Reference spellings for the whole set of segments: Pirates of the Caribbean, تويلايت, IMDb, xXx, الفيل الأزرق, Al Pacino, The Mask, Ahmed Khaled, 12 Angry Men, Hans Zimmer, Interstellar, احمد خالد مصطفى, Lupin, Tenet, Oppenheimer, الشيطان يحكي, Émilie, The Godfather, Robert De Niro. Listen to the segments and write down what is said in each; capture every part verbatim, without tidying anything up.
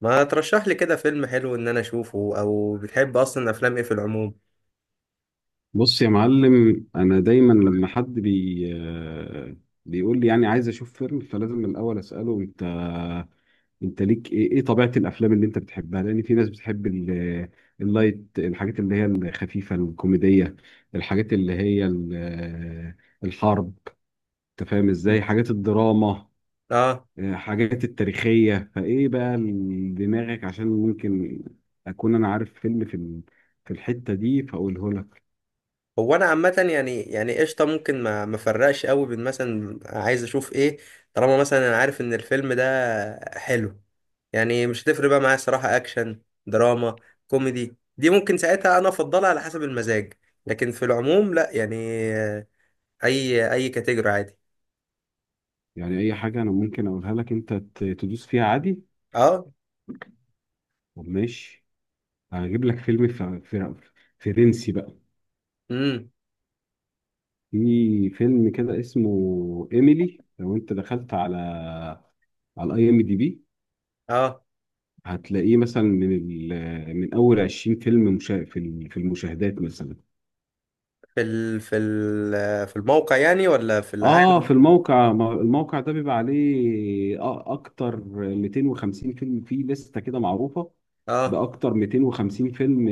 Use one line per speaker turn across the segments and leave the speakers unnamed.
ما ترشح لي كده فيلم حلو ان انا اشوفه او بتحب اصلا افلام ايه في العموم؟
بص يا معلم، انا دايما لما حد بي آه، بيقول لي يعني عايز اشوف فيلم، فلازم من الاول اساله انت انت ليك ايه ايه طبيعه الافلام اللي انت بتحبها، لان في ناس بتحب ال- اللايت، الحاجات اللي هي الخفيفه الكوميديه، الحاجات اللي هي ال- آه، الحرب، انت فاهم ازاي، حاجات الدراما،
اه.
آه، حاجات التاريخيه، فايه بقى ال- دماغك، عشان ممكن اكون انا عارف فيلم في ال- في الحته دي فاقوله لك.
هو انا عامه، يعني يعني قشطه، ممكن ما ما فرقش قوي بين مثلا عايز اشوف ايه. طالما مثلا انا عارف ان الفيلم ده حلو، يعني مش هتفرق بقى معايا صراحه اكشن دراما كوميدي دي، ممكن ساعتها انا افضلها على حسب المزاج. لكن في العموم لا يعني، آه، اي اي كاتيجوري عادي.
يعني اي حاجه انا ممكن اقولها لك انت ت- تدوس فيها عادي.
اه.
طب ماشي، هجيب لك فيلم ف- فر- فرنسي بقى.
امم.
في فيلم كده اسمه ايميلي، لو انت دخلت على على الاي ام دي بي
اه،
هتلاقيه مثلا من ال- من اول عشرين فيلم مشا... في ال- في المشاهدات مثلا.
في ال في ال في الموقع يعني، ولا في
اه، في
العالم؟
الموقع، ما- الموقع ده بيبقى عليه أ- اكتر مئتين وخمسين فيلم، فيه لستة كده معروفة
اه.
باكتر مئتين وخمسين فيلم،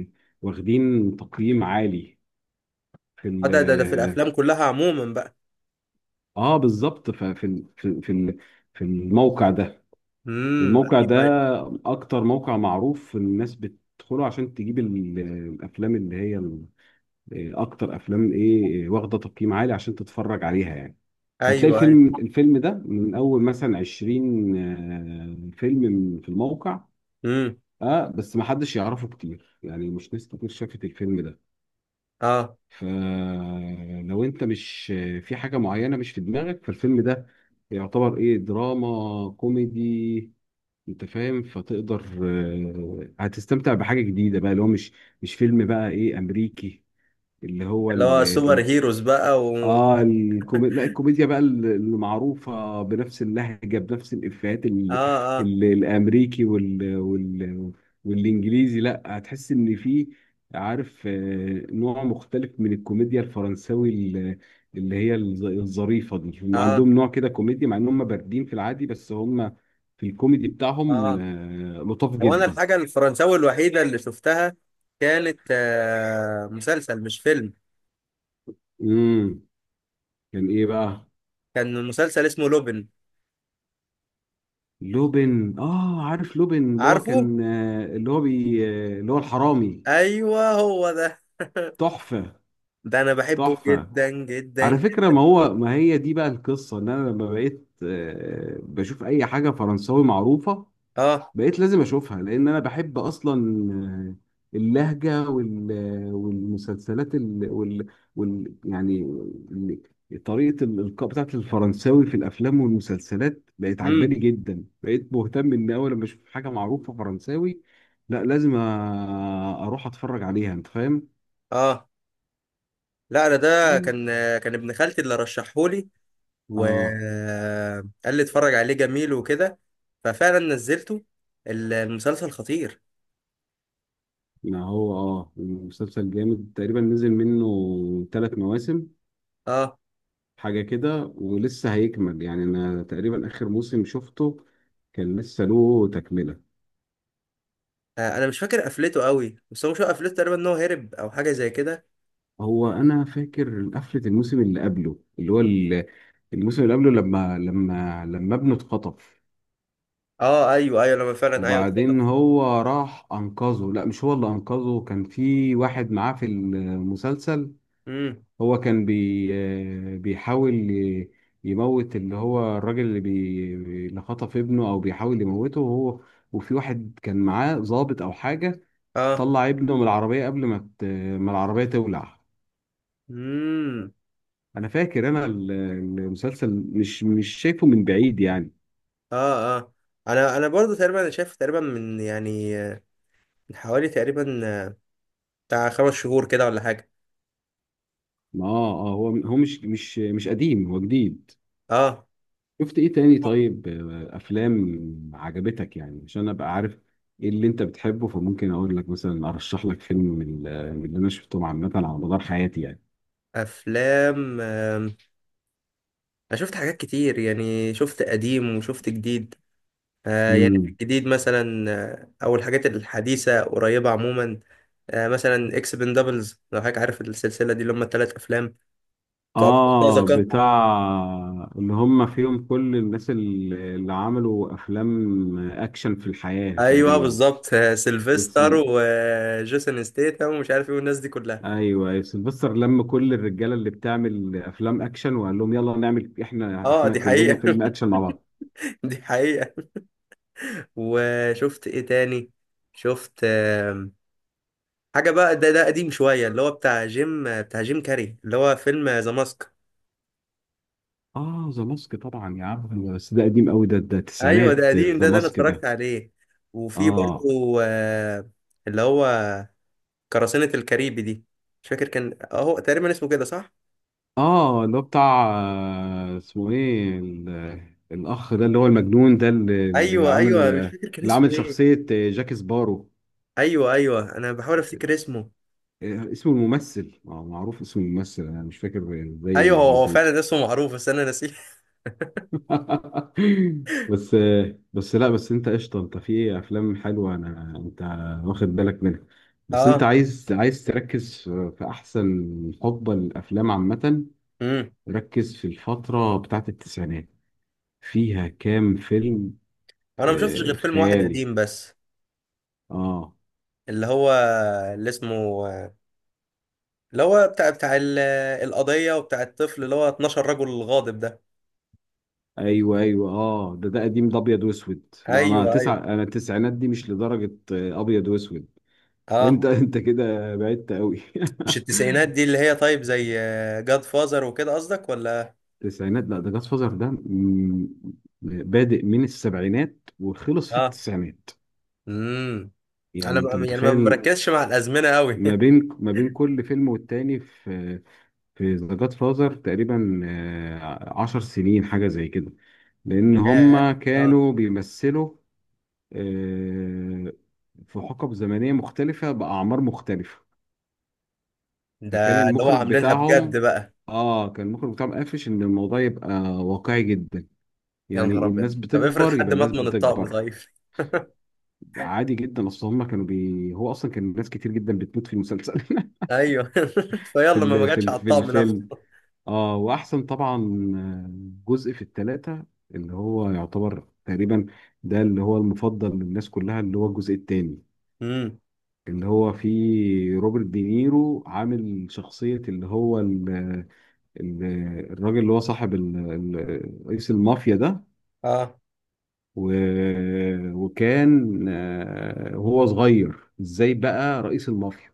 آه، واخدين تقييم عالي في
اه،
ال
ده ده ده في الافلام كلها عموما بقى.
اه بالظبط. ففي ال- في في ال- في الموقع ده،
امم.
والموقع ده
ايوه،
اكتر موقع معروف الناس بتدخله عشان تجيب ال- الافلام اللي هي ال- اكتر افلام ايه واخده تقييم عالي عشان تتفرج عليها يعني. فتلاقي
ايوه، ايوه.
الفيلم
ايوه.
الفيلم ده من اول مثلا عشرين آه، فيلم من- في الموقع.
امم.
اه، بس ما حدش يعرفه كتير، يعني مش ناس كتير شافت الفيلم ده.
اه.
فلو انت مش في حاجة معينة مش في دماغك، فالفيلم ده يعتبر ايه، دراما كوميدي، انت فاهم، فتقدر آه، هتستمتع بحاجة جديدة بقى، اللي هو مش مش فيلم بقى ايه، امريكي. اللي هو
اللي هو سوبر هيروز بقى و...
اه الكوميديا، لا الكوميديا بقى ال- المعروفه بنفس اللهجه بنفس الافيهات
اه.
ال...
اه.
ال... الامريكي وال... وال... والانجليزي، لا هتحس ان في، عارف، آه، نوع مختلف من الكوميديا الفرنساوي، ال- اللي هي الظ- الظريفه دي. هم
اه.
عندهم نوع كده كوميديا، مع ان هم باردين في العادي، بس هم في الكوميدي بتاعهم
اه،
آه، لطاف
هو انا
جدا.
الحاجه الفرنساوي الوحيده اللي شفتها كانت آه مسلسل مش فيلم.
امم كان ايه بقى؟
كان مسلسل اسمه لوبن.
لوبن، اه عارف لوبن، اللي هو
عارفه.
كان، آه، اللي هو بي آه، اللي هو الحرامي.
ايوه هو ده.
تحفة.
ده انا بحبه
تحفة.
جدا جدا
على فكرة،
جدا.
ما هو ما هي دي بقى القصة، ان انا لما بقيت آه، بشوف اي حاجة فرنساوي معروفة
اه.
بقيت لازم اشوفها، لان انا بحب اصلا آه، اللهجه، وال... آه، والمسلسلات ال... وال... وال... يعني ال- طريقه الالقاء بتاعت الفرنساوي في الافلام والمسلسلات بقت
امم.
عجباني جدا، بقيت مهتم ان اول لما اشوف حاجه معروفه فرنساوي لا لازم أ... اروح اتفرج عليها، انت فاهم.
اه، لا انا ده
في
كان آه، كان ابن خالتي اللي رشحهولي،
اه
وقال لي اتفرج عليه جميل وكده، ففعلا نزلته. ال- المسلسل خطير.
ما هو، اه المسلسل جامد، تقريبا نزل منه ثلاث مواسم
اه.
حاجة كده، ولسه هيكمل يعني. أنا تقريبا آخر موسم شفته كان لسه له تكملة.
آه، انا مش فاكر قفلته قوي، بس هو مش هو قفلته تقريبا ان هو هرب او حاجه زي كده.
هو أنا فاكر قفلة الموسم اللي قبله، اللي هو ال- الموسم اللي قبله لما لما لما ابنه اتخطف،
اه ايوه ايوه، لما فعلا ايوه
وبعدين
اتخطف.
هو راح أنقذه، لا مش هو اللي أنقذه، كان في واحد معاه في المسلسل.
امم.
هو كان بي آه، بيحاول ي- يموت اللي هو الراجل اللي بي اللي خطف ابنه، أو بيحاول يموته، وهو وفي واحد كان معاه ضابط أو حاجة،
اه.
طلع ابنه من العربية قبل ما ت- ما العربية تولع.
امم.
انا فاكر انا ال- المسلسل مش مش شايفه من بعيد يعني.
اه. اه، انا انا برضو تقريبا انا شايف تقريبا من يعني آه، من حوالي تقريبا، آه، بتاع خمس شهور كده ولا حاجه.
ما، اه اه هو هو مش مش مش قديم، هو جديد.
اه.
شفت ايه تاني؟ طيب، آه، افلام عجبتك يعني عشان ابقى عارف ايه اللي انت بتحبه فممكن اقول لك مثلا ارشح لك فيلم من ال- من اللي انا شفتهم عامة على مدار حياتي يعني.
افلام، آم، انا شفت حاجات كتير، يعني شفت قديم وشفت جديد. آه، يعني في
مم.
الجديد مثلا، آه، او الحاجات الحديثه قريبه عموما. آه، مثلا اكس بن دبلز، لو حضرتك عارف السلسله دي اللي هم الثلاث افلام بتوع
اه،
مرتزقه.
بتاع اللي هم فيهم كل الناس اللي اللي عملوا افلام اكشن في الحياة
ايوه
تقريبا.
بالظبط. آه، سيلفستر
اسمه،
وجيسون ستيتم ومش عارف ايه والناس دي كلها.
ايوه، يا سيلفستر لم كل الرجاله اللي بتعمل افلام اكشن وقال لهم يلا نعمل احنا،
اه
احنا
دي
كلنا
حقيقه.
فيلم اكشن مع بعض.
دي حقيقه. وشفت ايه تاني؟ شفت آم، حاجه بقى، ده ده قديم شويه، اللي هو بتاع جيم بتاع جيم كاري، اللي هو فيلم ذا ماسك.
اه، ذا ماسك طبعا يا عم، بس ده قديم قوي، ده ده
ايوه ده
التسعينات
قديم،
ذا
ده ده انا
ماسك
اتفرجت
ده.
عليه. وفي
اه
برضه، آه، اللي هو قراصنة الكاريبي دي. مش فاكر كان اهو تقريبا اسمه كده صح.
اه اللي هو بتاع آه، اسمه ايه، ال- الاخ ده اللي هو المجنون ده، اللي اللي
ايوه
عامل،
ايوه، مش فاكر كان
اللي
اسمه
عامل
ايه.
شخصيه آه، جاك سبارو.
ايوه ايوه انا بحاول
آه،
افتكر اسمه.
آه، اسمه الممثل آه، معروف، اسم الممثل انا مش فاكر،
ايوه
ازاي
هو هو
نسيته!
فعلا اسمه معروف بس انا نسيه.
بس بس لا، بس انت قشطه، انت في افلام حلوه، انا انت واخد بالك منها. بس انت
اه.
عايز عايز تركز في في احسن حقبه للافلام عامه.
امم.
ركز في الفتره بتاعت التسعينات، فيها كام فيلم
انا ما شفتش غير
آه
فيلم واحد
خيالي.
قديم بس،
اه
اللي هو اللي اسمه، اللي هو بتاع بتاع ال- القضية وبتاع الطفل، اللي هو اتناشر رجل غاضب ده.
ايوه ايوه، اه ده ده قديم، ده ابيض واسود، لا انا،
ايوه
تسع
ايوه
انا التسعينات دي مش لدرجه آه، ابيض واسود. انت
اه.
انت كده بعدت قوي.
مش التسعينات دي اللي هي، طيب زي جاد فازر وكده قصدك، ولا؟
التسعينات؟ لا ده جاد فازر ده مم، بادئ من السبعينات وخلص في
اه.
التسعينات،
امم.
يعني
انا
انت
ما- يعني ما
متخيل.
بركزش مع الازمنه قوي.
ما بين ما بين كل فيلم والتاني في في ذا جاد فازر تقريبا آه، عشر سنين حاجة زي كده، لأن
ياه
هما
اه.
كانوا بيمثلوا آه، في حقب زمنية مختلفة بأعمار مختلفة. فكان
ده اللي هو
المخرج
عاملينها بجد
بتاعهم،
بقى.
اه كان المخرج بتاعهم قافش ان الموضوع يبقى واقعي جدا،
يا
يعني
نهار ابيض،
الناس
طب افرض
بتكبر يبقى
حد مات
الناس
من الطقم؟
بتكبر
طيب.
عادي جدا. اصل هم كانوا بي، هو اصلا كان ناس كتير جدا بتموت في المسلسل
ايوه. فيلا
في
ما ما
ال... في
جاتش
ال...
على
في
الطقم نفسه.
الفيلم. اه، واحسن طبعا آه، جزء في الثلاثه اللي هو يعتبر تقريبا ده اللي هو المفضل للناس كلها، اللي هو الجزء الثاني
امم.
اللي هو فيه روبرت دينيرو عامل شخصية اللي هو ال... ال... الراجل اللي هو صاحب ال... ال... رئيس المافيا ده.
اه.
و... وكان، آه، وهو صغير ازاي بقى رئيس المافيا،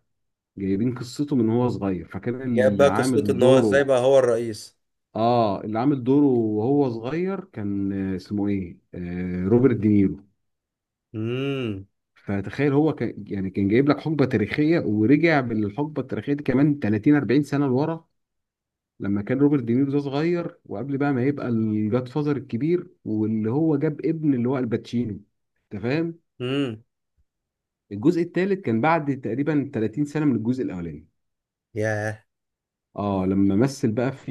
جايبين قصته من هو صغير، فكان
جاب
اللي
بقى قصته
عامل
ان هو ازاي
دوره،
بقى هو الرئيس.
اه اللي عامل دوره وهو صغير كان آه، اسمه ايه، آه روبرت دينيرو.
امم.
فتخيل هو كان يعني كان جايب لك حقبة تاريخية، ورجع بالحقبة التاريخية دي كمان تلاتين اربعين سنة لورا، لما كان روبرت دينيرو ده صغير، وقبل بقى ما يبقى الجاد فازر الكبير واللي هو جاب ابن اللي هو الباتشينو، انت فاهم.
امم.
الجزء الثالث كان بعد تقريبا تلاتين سنة من الجزء الاولاني.
ياه.
اه، لما مثل بقى في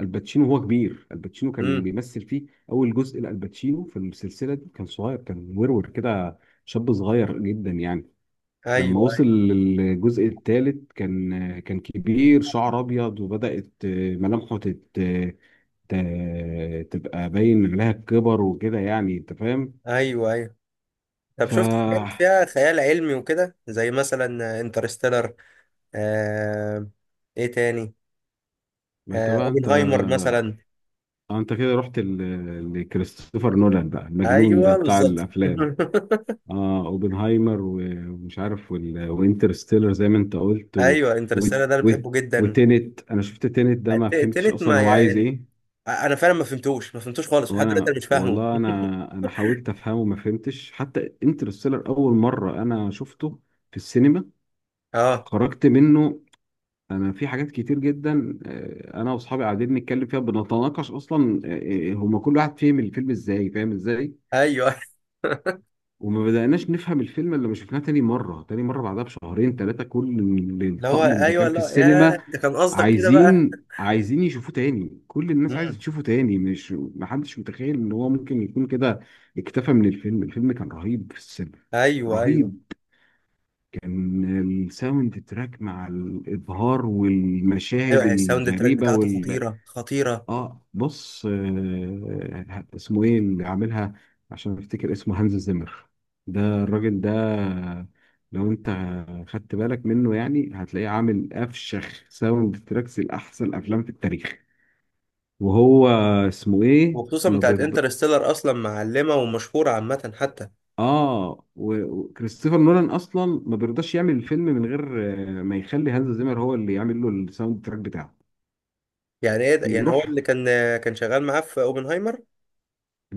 الباتشينو وهو كبير. الباتشينو كان
امم.
بيمثل فيه، اول جزء لالباتشينو في السلسله دي كان صغير، كان ورور كده شاب صغير جدا يعني. لما
ايوه
وصل للجزء الثالث كان، كان كبير، شعر ابيض، وبدات ملامحه تت... ت... تبقى باين عليها الكبر وكده يعني، انت فاهم.
ايوه ايوه. ايوه. طب
ف
شفت حاجات
ما،
فيها خيال علمي وكده، زي مثلا انترستيلر؟ آه... ايه تاني؟
انت
آه...
بقى انت،
اوبنهايمر
آه،
مثلا.
انت كده رحت ل- لكريستوفر نولان بقى، المجنون ده
ايوه
بتاع
بالظبط.
الافلام. اه، اوبنهايمر، و- ومش عارف وال- وانترستيلر زي ما انت قلت، و...
ايوه
و...
انترستيلر ده انا
و...
بحبه جدا.
وتينت، انا شفت تينت ده ما
الت-
فهمتش
التالت
اصلا
ما
هو عايز
يعني،
ايه.
انا فعلا ما فهمتوش ما فهمتوش خالص، لحد دلوقتي
وانا
انا مش فاهمه.
والله انا، انا حاولت افهمه ما فهمتش. حتى انترستيلر اول مره انا شفته في السينما
اه
خرجت منه، انا في حاجات كتير جدا آه، انا واصحابي قاعدين نتكلم فيها بنتناقش اصلا آه، آه، هما كل واحد فهم الفيلم ازاي، فاهم ازاي،
ايوه.
وما بدأناش نفهم الفيلم. اللي ما شفناه تاني مرة، تاني مرة بعدها بشهرين ثلاثة، كل ال-
اللي هو
الطقم اللي
ايوه،
كان في
لا يا،
السينما
ده كان قصدك كده بقى.
عايزين، عايزين يشوفوه تاني، كل الناس عايزة
مم.
تشوفه تاني، مش محدش متخيل ان هو ممكن يكون كده اكتفى من الفيلم. الفيلم كان رهيب في السينما،
ايوه ايوه
رهيب. كان الساوند تراك مع الإبهار
ايوه،
والمشاهد
يعني الساوند تراك
الغريبة
بتاعته
وال،
خطيره خطيره.
اه بص، آه اسمه ايه اللي عاملها، عشان افتكر اسمه هانز زيمر، ده الراجل ده لو انت خدت بالك منه يعني هتلاقيه عامل افشخ ساوند تراكس لاحسن افلام في التاريخ، وهو اسمه ايه،
وخصوصا
ما
بتاعت
بيرضى،
انترستيلر اصلا معلمه ومشهوره عامه حتى.
اه، و- وكريستوفر نولان اصلا ما بيرضاش يعمل الفيلم من غير آه، ما يخلي هانز زيمر هو اللي يعمل له الساوند تراك بتاعه.
يعني ايه ده، يعني هو
بيروح،
اللي كان، كان شغال معاه في اوبنهايمر.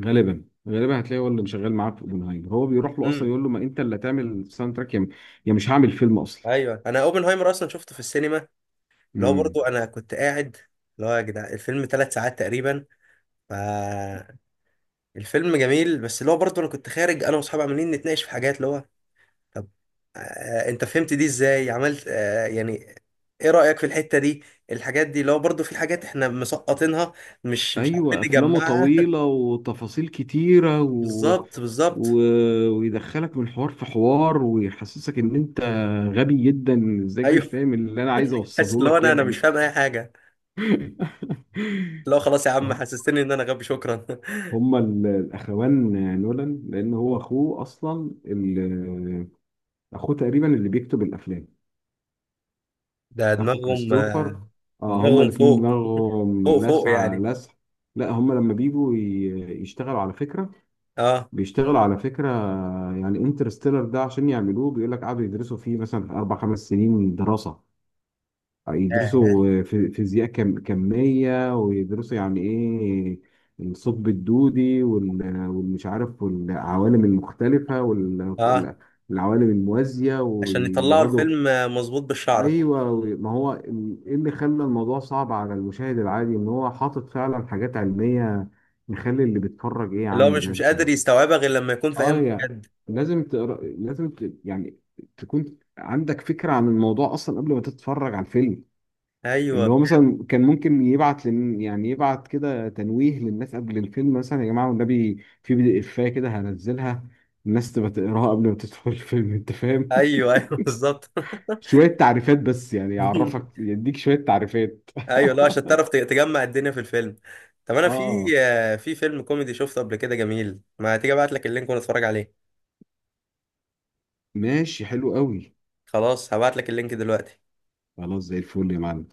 غالبا غالبا هتلاقي هو اللي شغال معاه في اوبنهايمر، هو بيروح له اصلا
امم.
يقول له ما انت اللي هتعمل ساوند تراك يا، يا مش هعمل فيلم اصلا.
ايوه انا اوبنهايمر اصلا شفته في السينما. اللي هو
امم،
برضو انا كنت قاعد، اللي هو يا جدع الفيلم ثلاث ساعات تقريبا، فالفيلم جميل، بس اللي هو برضو انا كنت خارج انا واصحابي عمالين نتناقش في حاجات، اللي هو طب، آه انت فهمت دي ازاي، عملت آه يعني ايه رأيك في الحتة دي. الحاجات دي، اللي هو برضو في حاجات احنا مسقطينها، مش مش عارفين
ايوه، افلامه
نجمعها.
طويله وتفاصيل كتيره و...
بالظبط
و...
بالظبط.
ويدخلك من حوار في حوار ويحسسك ان انت غبي جدا، ازيك مش
ايوه.
فاهم اللي انا عايز
حاسس
اوصله
اللي هو
لك يا
انا انا مش
ابني.
فاهم اي حاجه. اللي هو خلاص يا عم
آه،
حسستني ان انا غبي، شكرا.
هما ال- الاخوان نولان، لان هو اخوه اصلا ال- اخوه تقريبا اللي بيكتب الافلام،
ده
اخو
دماغهم، آه،
كريستوفر. اه، هما
دماغهم
الاتنين
فوق،
دماغهم
فوق فوق
لسعة
يعني.
لسع. لا هما لما بيجوا ي- يشتغلوا على فكرة
اه.
بيشتغلوا على فكرة، يعني انترستيلر ده عشان يعملوه بيقول لك قعدوا يدرسوا فيه مثلا أربع خمس سنين دراسة،
ياه
يدرسوا في- فيزياء كم كمية، ويدرسوا يعني إيه الثقب الدودي وال- والمش عارف والعوالم المختلفة
اه.
والعوالم الموازية،
عشان يطلعوا
ويقعدوا.
الفيلم آه، مظبوط بالشعرة.
ايوه، ما هو ايه اللي خلى الموضوع صعب على المشاهد العادي، ان هو حاطط فعلا حاجات علميه يخلي اللي بيتفرج ايه، يا
اللي هو
عم
مش
ده
مش
انت،
قادر يستوعبها غير لما يكون
اه
فاهمها
يا،
بجد.
لازم تقرا، لازم ت... يعني تكون عندك فكره عن الموضوع اصلا قبل ما تتفرج على الفيلم. اللي
ايوه
هو مثلا كان ممكن يبعت لن... يعني يبعت كده تنويه للناس قبل الفيلم، مثلا يا جماعه والنبي في بي دي افايه كده هنزلها، الناس تبقى تقراها قبل ما تدخل الفيلم، انت فاهم،
ايوه ايوه. بالظبط.
شوية تعريفات بس يعني، يعرفك يديك شوية تعريفات.
ايوه لا، عشان تعرف ت- تجمع الدنيا في الفيلم. طب انا في
اه،
آه، في فيلم كوميدي شفته قبل كده جميل، ما تيجي ابعت لك اللينك ونتفرج عليه.
ماشي، حلو قوي.
خلاص هبعت لك اللينك دلوقتي.
خلاص، زي الفل يا معلم.